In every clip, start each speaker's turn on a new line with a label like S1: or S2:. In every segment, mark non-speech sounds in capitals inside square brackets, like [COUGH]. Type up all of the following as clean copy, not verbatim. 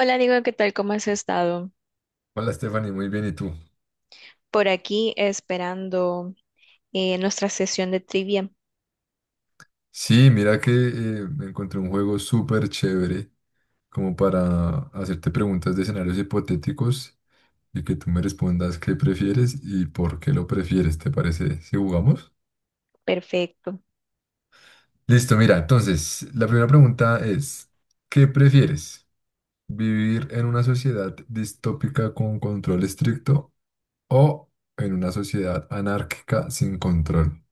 S1: Hola, Diego, ¿qué tal? ¿Cómo has estado?
S2: Hola Stephanie, muy bien, ¿y tú?
S1: Por aquí esperando nuestra sesión de trivia.
S2: Sí, mira que me encontré un juego súper chévere como para hacerte preguntas de escenarios hipotéticos y que tú me respondas qué prefieres y por qué lo prefieres, ¿te parece si jugamos?
S1: Perfecto.
S2: Listo, mira, entonces la primera pregunta es, ¿qué prefieres? ¿Vivir en una sociedad distópica con control estricto o en una sociedad anárquica sin control?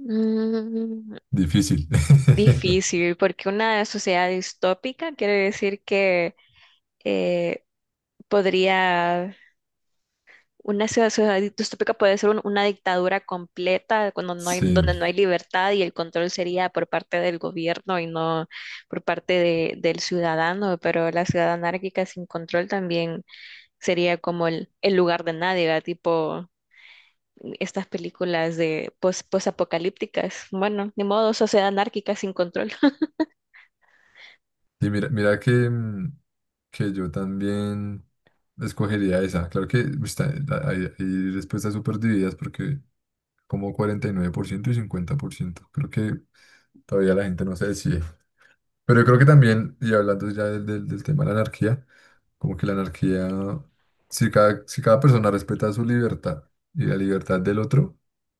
S1: Mm,
S2: Difícil. [LAUGHS]
S1: difícil, porque una sociedad distópica quiere decir que eh, podría, una sociedad distópica puede ser una dictadura completa cuando no hay,
S2: Sí.
S1: donde no hay libertad y el control sería por parte del gobierno y no por parte del ciudadano, pero la ciudad anárquica sin control también sería como el lugar de nadie, ¿verdad? Tipo estas películas de post, apocalípticas. Bueno, ni modo, sociedad anárquica sin control. [LAUGHS]
S2: Y mira que que yo también escogería esa. Claro que está- hay respuestas súper divididas porque como 49 por ciento y 50 por ciento. Creo que todavía la gente no se decide. Pero yo creo que también, y hablando ya del tema de la anarquía, como que la anarquía, si cada persona respeta su libertad y la libertad del otro,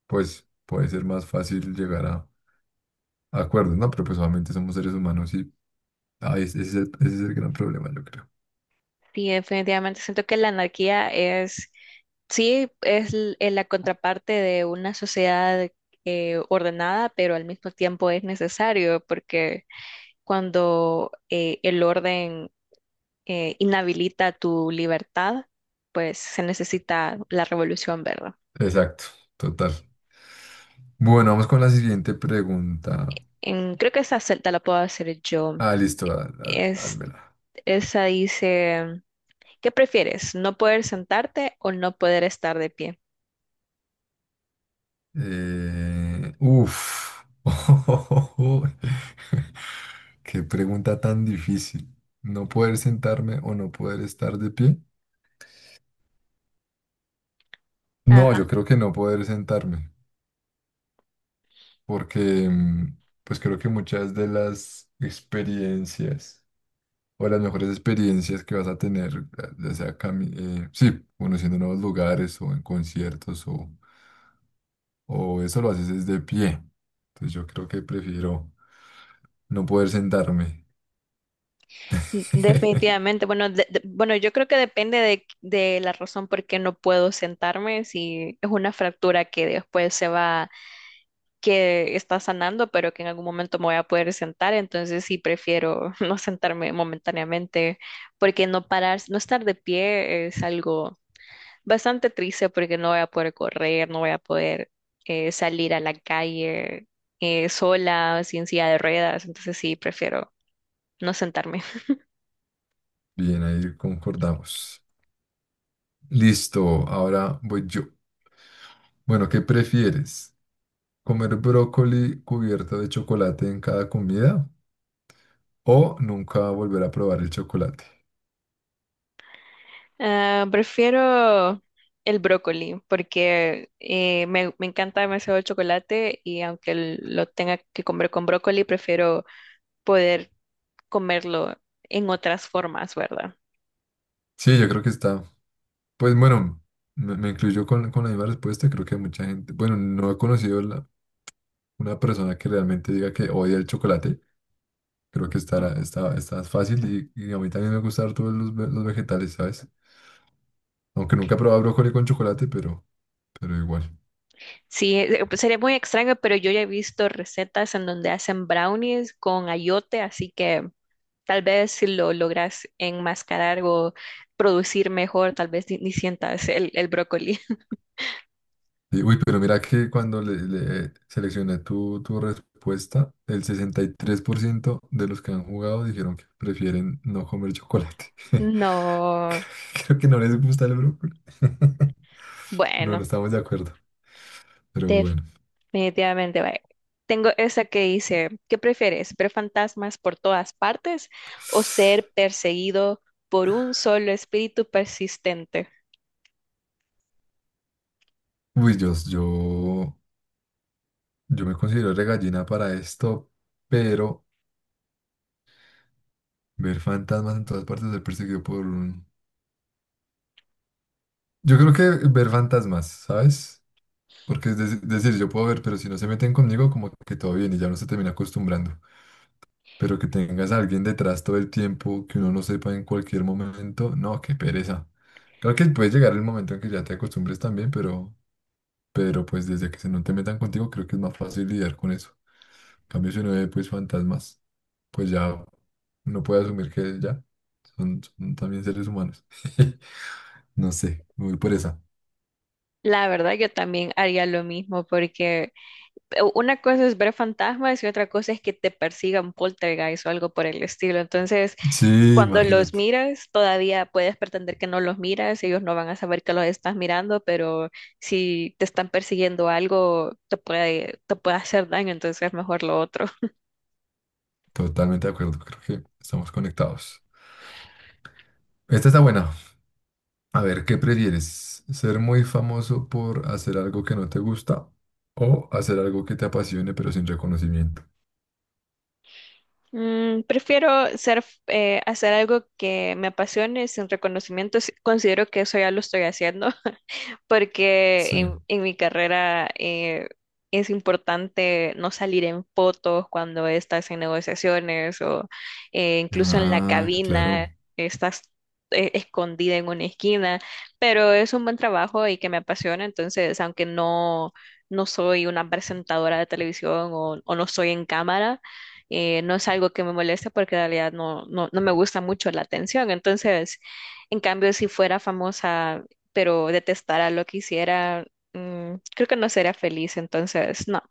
S2: pues puede ser más fácil llegar a acuerdos, ¿no? Pero pues obviamente somos seres humanos y ese es el gran problema, yo creo.
S1: Sí, definitivamente siento que la anarquía es, sí, es la contraparte de una sociedad ordenada, pero al mismo tiempo es necesario porque cuando el orden inhabilita tu libertad, pues se necesita la revolución, ¿verdad?
S2: Exacto, total. Bueno, vamos con la siguiente pregunta.
S1: Creo que esa te la puedo hacer yo.
S2: Ah, listo,
S1: Es,
S2: házmela.
S1: esa dice, ¿qué prefieres? ¿No poder sentarte o no poder estar de pie?
S2: Uf. [LAUGHS] Qué pregunta tan difícil. ¿No poder sentarme o no poder estar de pie? No,
S1: Ajá.
S2: yo creo que no poder sentarme, porque pues creo que muchas de las experiencias o las mejores experiencias que vas a tener, eh, ya sea cami- sí, conociendo nuevos lugares o en conciertos o eso lo haces es de pie. Entonces yo creo que prefiero no poder sentarme. [LAUGHS]
S1: Definitivamente. Bueno, bueno, yo creo que depende de la razón por qué no puedo sentarme, si es una fractura que después se va, que está sanando, pero que en algún momento me voy a poder sentar, entonces sí prefiero [LAUGHS] no sentarme momentáneamente, porque no parar, no estar de pie es algo bastante triste porque no voy a poder correr, no voy a poder salir a la calle sola, sin silla de ruedas, entonces sí, prefiero no sentarme. [LAUGHS]
S2: Bien, ahí concordamos. Listo, ahora voy yo. Bueno, ¿qué prefieres? ¿Comer brócoli cubierto de chocolate en cada comida o nunca volver a probar el chocolate?
S1: Ah, prefiero el brócoli porque me encanta demasiado el chocolate y aunque lo tenga que comer con brócoli, prefiero poder comerlo en otras formas, ¿verdad?
S2: Sí, yo creo que está. Pues bueno, me incluyo con la misma respuesta. Creo que mucha gente, bueno, no he conocido una persona que realmente diga que odia el chocolate. Creo que está fácil y a mí también me gustan todos los, los vegetales, ¿sabes? Aunque nunca he probado brócoli con chocolate, pero igual.
S1: Sí, pues, sería muy extraño, pero yo ya he visto recetas en donde hacen brownies con ayote, así que tal vez si lo logras enmascarar o producir mejor, tal vez ni sientas el brócoli. [LAUGHS]
S2: Y, uy, pero mira que cuando le seleccioné tu respuesta, el 63 por ciento de los que han jugado dijeron que prefieren no comer chocolate. [LAUGHS]
S1: No,
S2: Creo que no les gusta el brócoli. [LAUGHS] No, no
S1: bueno,
S2: estamos de acuerdo, pero bueno.
S1: definitivamente. Vaya. Tengo esa que dice, ¿qué prefieres? ¿Ver fantasmas por todas partes o ser perseguido por un solo espíritu persistente?
S2: Uy, yo me considero regallina para esto, pero ver fantasmas en todas partes, ser perseguido por un... Yo creo que ver fantasmas, ¿sabes? Porque decir, yo puedo ver, pero si no se meten conmigo, como que todo bien y ya uno se termina acostumbrando. Pero que tengas a alguien detrás todo el tiempo, que uno no sepa en cualquier momento, no, qué pereza. Claro que puede llegar el momento en que ya te acostumbres también, pero pues desde que se no te metan contigo, creo que es más fácil lidiar con eso. En cambio, si uno ve pues fantasmas, pues ya uno puede asumir que ya son también seres humanos. [LAUGHS] No sé, me voy por esa.
S1: La verdad, yo también haría lo mismo porque una cosa es ver fantasmas y otra cosa es que te persigan poltergeist o algo por el estilo. Entonces,
S2: Sí,
S1: cuando los
S2: imagínate.
S1: miras, todavía puedes pretender que no los miras, ellos no van a saber que los estás mirando, pero si te están persiguiendo algo, te puede hacer daño, entonces es mejor lo otro.
S2: Totalmente de acuerdo, creo que estamos conectados. Esta está buena. A ver, ¿qué prefieres? ¿Ser muy famoso por hacer algo que no te gusta o hacer algo que te apasione pero sin reconocimiento?
S1: Mm, prefiero ser, hacer algo que me apasione sin reconocimiento. Considero que eso ya lo estoy haciendo,
S2: Sí.
S1: porque en mi carrera es importante no salir en fotos cuando estás en negociaciones o incluso en la
S2: Ah, claro.
S1: cabina, estás escondida en una esquina, pero es un buen trabajo y que me apasiona, entonces aunque no, no soy una presentadora de televisión o no soy en cámara, no es algo que me moleste porque en realidad no me gusta mucho la atención, entonces... En cambio, si fuera famosa pero detestara lo que hiciera, mm, creo que no sería feliz, entonces no,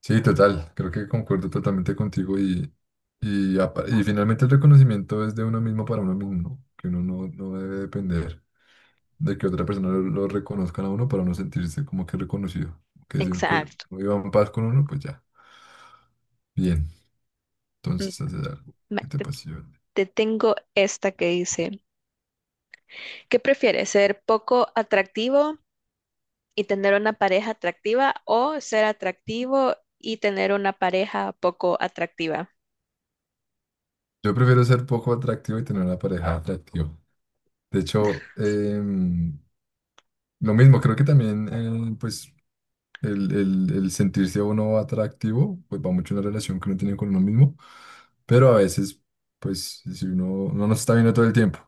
S2: Sí, total. Creo que concuerdo totalmente contigo y, y finalmente el reconocimiento es de uno mismo para uno mismo, ¿no? Que uno no, no debe depender de que otra persona lo reconozcan a uno para uno sentirse como que reconocido. Que si uno que
S1: exacto.
S2: uno iba en paz con uno, pues ya. Bien,
S1: Mm,
S2: entonces haces algo
S1: ma-
S2: que te
S1: Te,
S2: apasiona.
S1: te tengo esta que dice, ¿qué prefieres, ser poco atractivo y tener una pareja atractiva o ser atractivo y tener una pareja poco atractiva?
S2: Yo prefiero ser poco atractivo y tener una pareja atractiva. De hecho, lo mismo, creo que también, pues el sentirse uno atractivo, pues va mucho en la relación que uno tiene con uno mismo, pero a veces, pues si uno no nos está viendo todo el tiempo,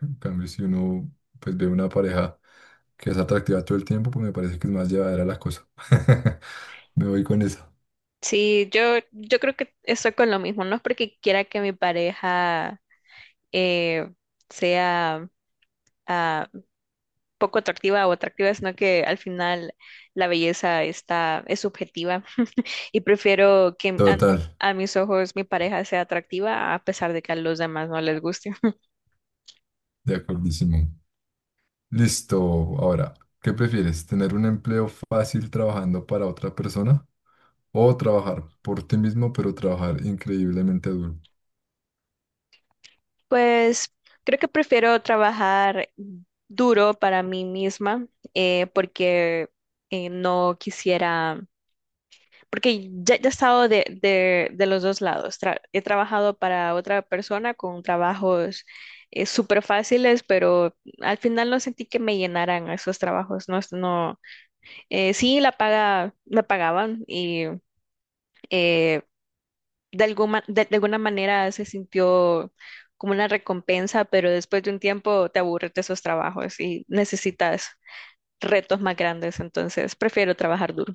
S2: en cambio si uno pues ve una pareja que es atractiva todo el tiempo, pues me parece que es más llevadera la cosa. [LAUGHS] Me voy con esa.
S1: Sí, yo creo que estoy con lo mismo, no es porque quiera que mi pareja eh, sea... ah, poco atractiva o atractiva, sino que al final la belleza es subjetiva y prefiero que
S2: Total,
S1: a mis ojos mi pareja sea atractiva a pesar de que a los demás no les guste. [LAUGHS]
S2: de acordísimo. Listo, ahora, ¿qué prefieres? ¿Tener un empleo fácil trabajando para otra persona o trabajar por ti mismo, pero trabajar increíblemente duro?
S1: Pues creo que prefiero trabajar duro para mí misma porque no quisiera, porque ya he estado de los dos lados. He trabajado para otra persona con trabajos súper fáciles, pero al final no sentí que me llenaran esos trabajos. No, no, sí, la paga, me pagaban y eh, de alguna, de alguna manera se sintió como una recompensa, pero después de un tiempo te aburres de esos trabajos y necesitas retos más grandes. Entonces, prefiero trabajar duro.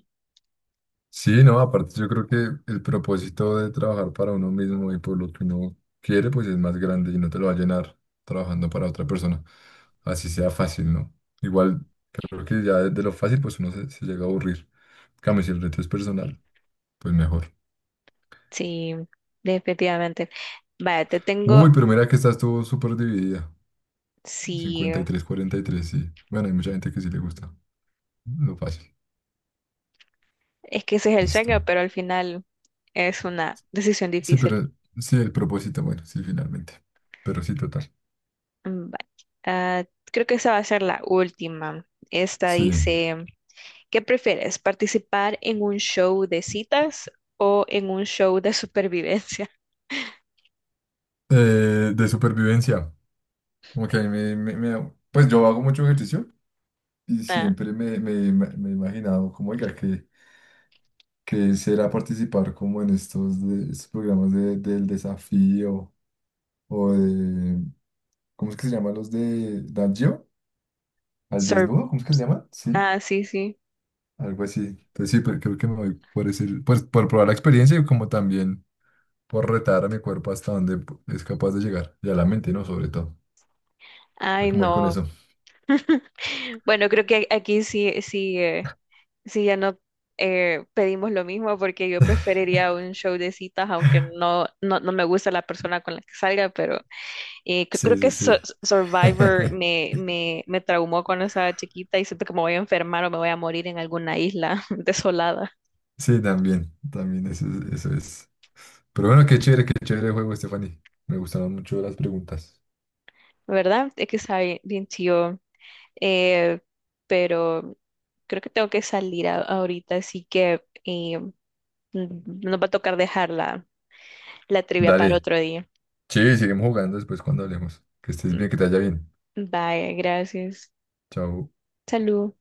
S2: Sí, no, aparte yo creo que el propósito de trabajar para uno mismo y por lo que uno quiere, pues es más grande y no te lo va a llenar trabajando para otra persona. Así sea fácil, ¿no? Igual, creo que ya de lo fácil, pues uno se llega a aburrir. En cambio, si el reto es personal, pues mejor.
S1: Sí, definitivamente. Vaya, te tengo.
S2: Uy, pero mira que esta estuvo súper dividida.
S1: Sí,
S2: 53 43 sí. Bueno, hay mucha gente que sí le gusta lo fácil.
S1: es que ese es el sueño,
S2: Listo.
S1: pero al final es una decisión
S2: Sí,
S1: difícil.
S2: pero sí, el propósito, bueno, sí, finalmente. Pero sí, total.
S1: Mm, vale. Ah, creo que esa va a ser la última. Esta
S2: Sí.
S1: dice, ¿qué prefieres? ¿Participar en un show de citas o en un show de supervivencia? [LAUGHS]
S2: De supervivencia. Ok, pues yo hago mucho ejercicio y
S1: Ah,
S2: siempre me he imaginado como, oiga, que será participar como en estos, estos programas del desafío o de, ¿cómo es que se llaman los de Nat Geo? ¿Al
S1: sur-
S2: desnudo? ¿Cómo es que se llaman? Sí,
S1: ah, sí, sí.
S2: algo así. Entonces sí, pero creo que me voy por decir, pues por probar la experiencia y como también por retar a mi cuerpo hasta donde es capaz de llegar y a la mente, ¿no? Sobre todo. Creo
S1: Ay,
S2: que me voy con
S1: no.
S2: eso.
S1: Bueno, creo que aquí sí, sí, sí ya no pedimos lo mismo, porque yo preferiría un show de citas, aunque no me gusta la persona con la que salga, pero eh, creo
S2: Sí, sí,
S1: que
S2: sí.
S1: Survivor
S2: [LAUGHS]
S1: me traumó cuando estaba chiquita y siento que me voy a enfermar o me voy a morir en alguna isla [LAUGHS] desolada,
S2: Sí, también, también eso, eso es. Pero bueno, qué chévere el juego, Stephanie. Me gustaron mucho las preguntas.
S1: ¿verdad? Es que está bien, bien chido. Eh, pero creo que tengo que salir ahorita, así que eh, n- nos va a tocar dejar la trivia para
S2: Dale.
S1: otro día.
S2: Sí, seguimos jugando después cuando hablemos. Que estés bien, que te vaya bien.
S1: Bye, gracias.
S2: Chao.
S1: Salud.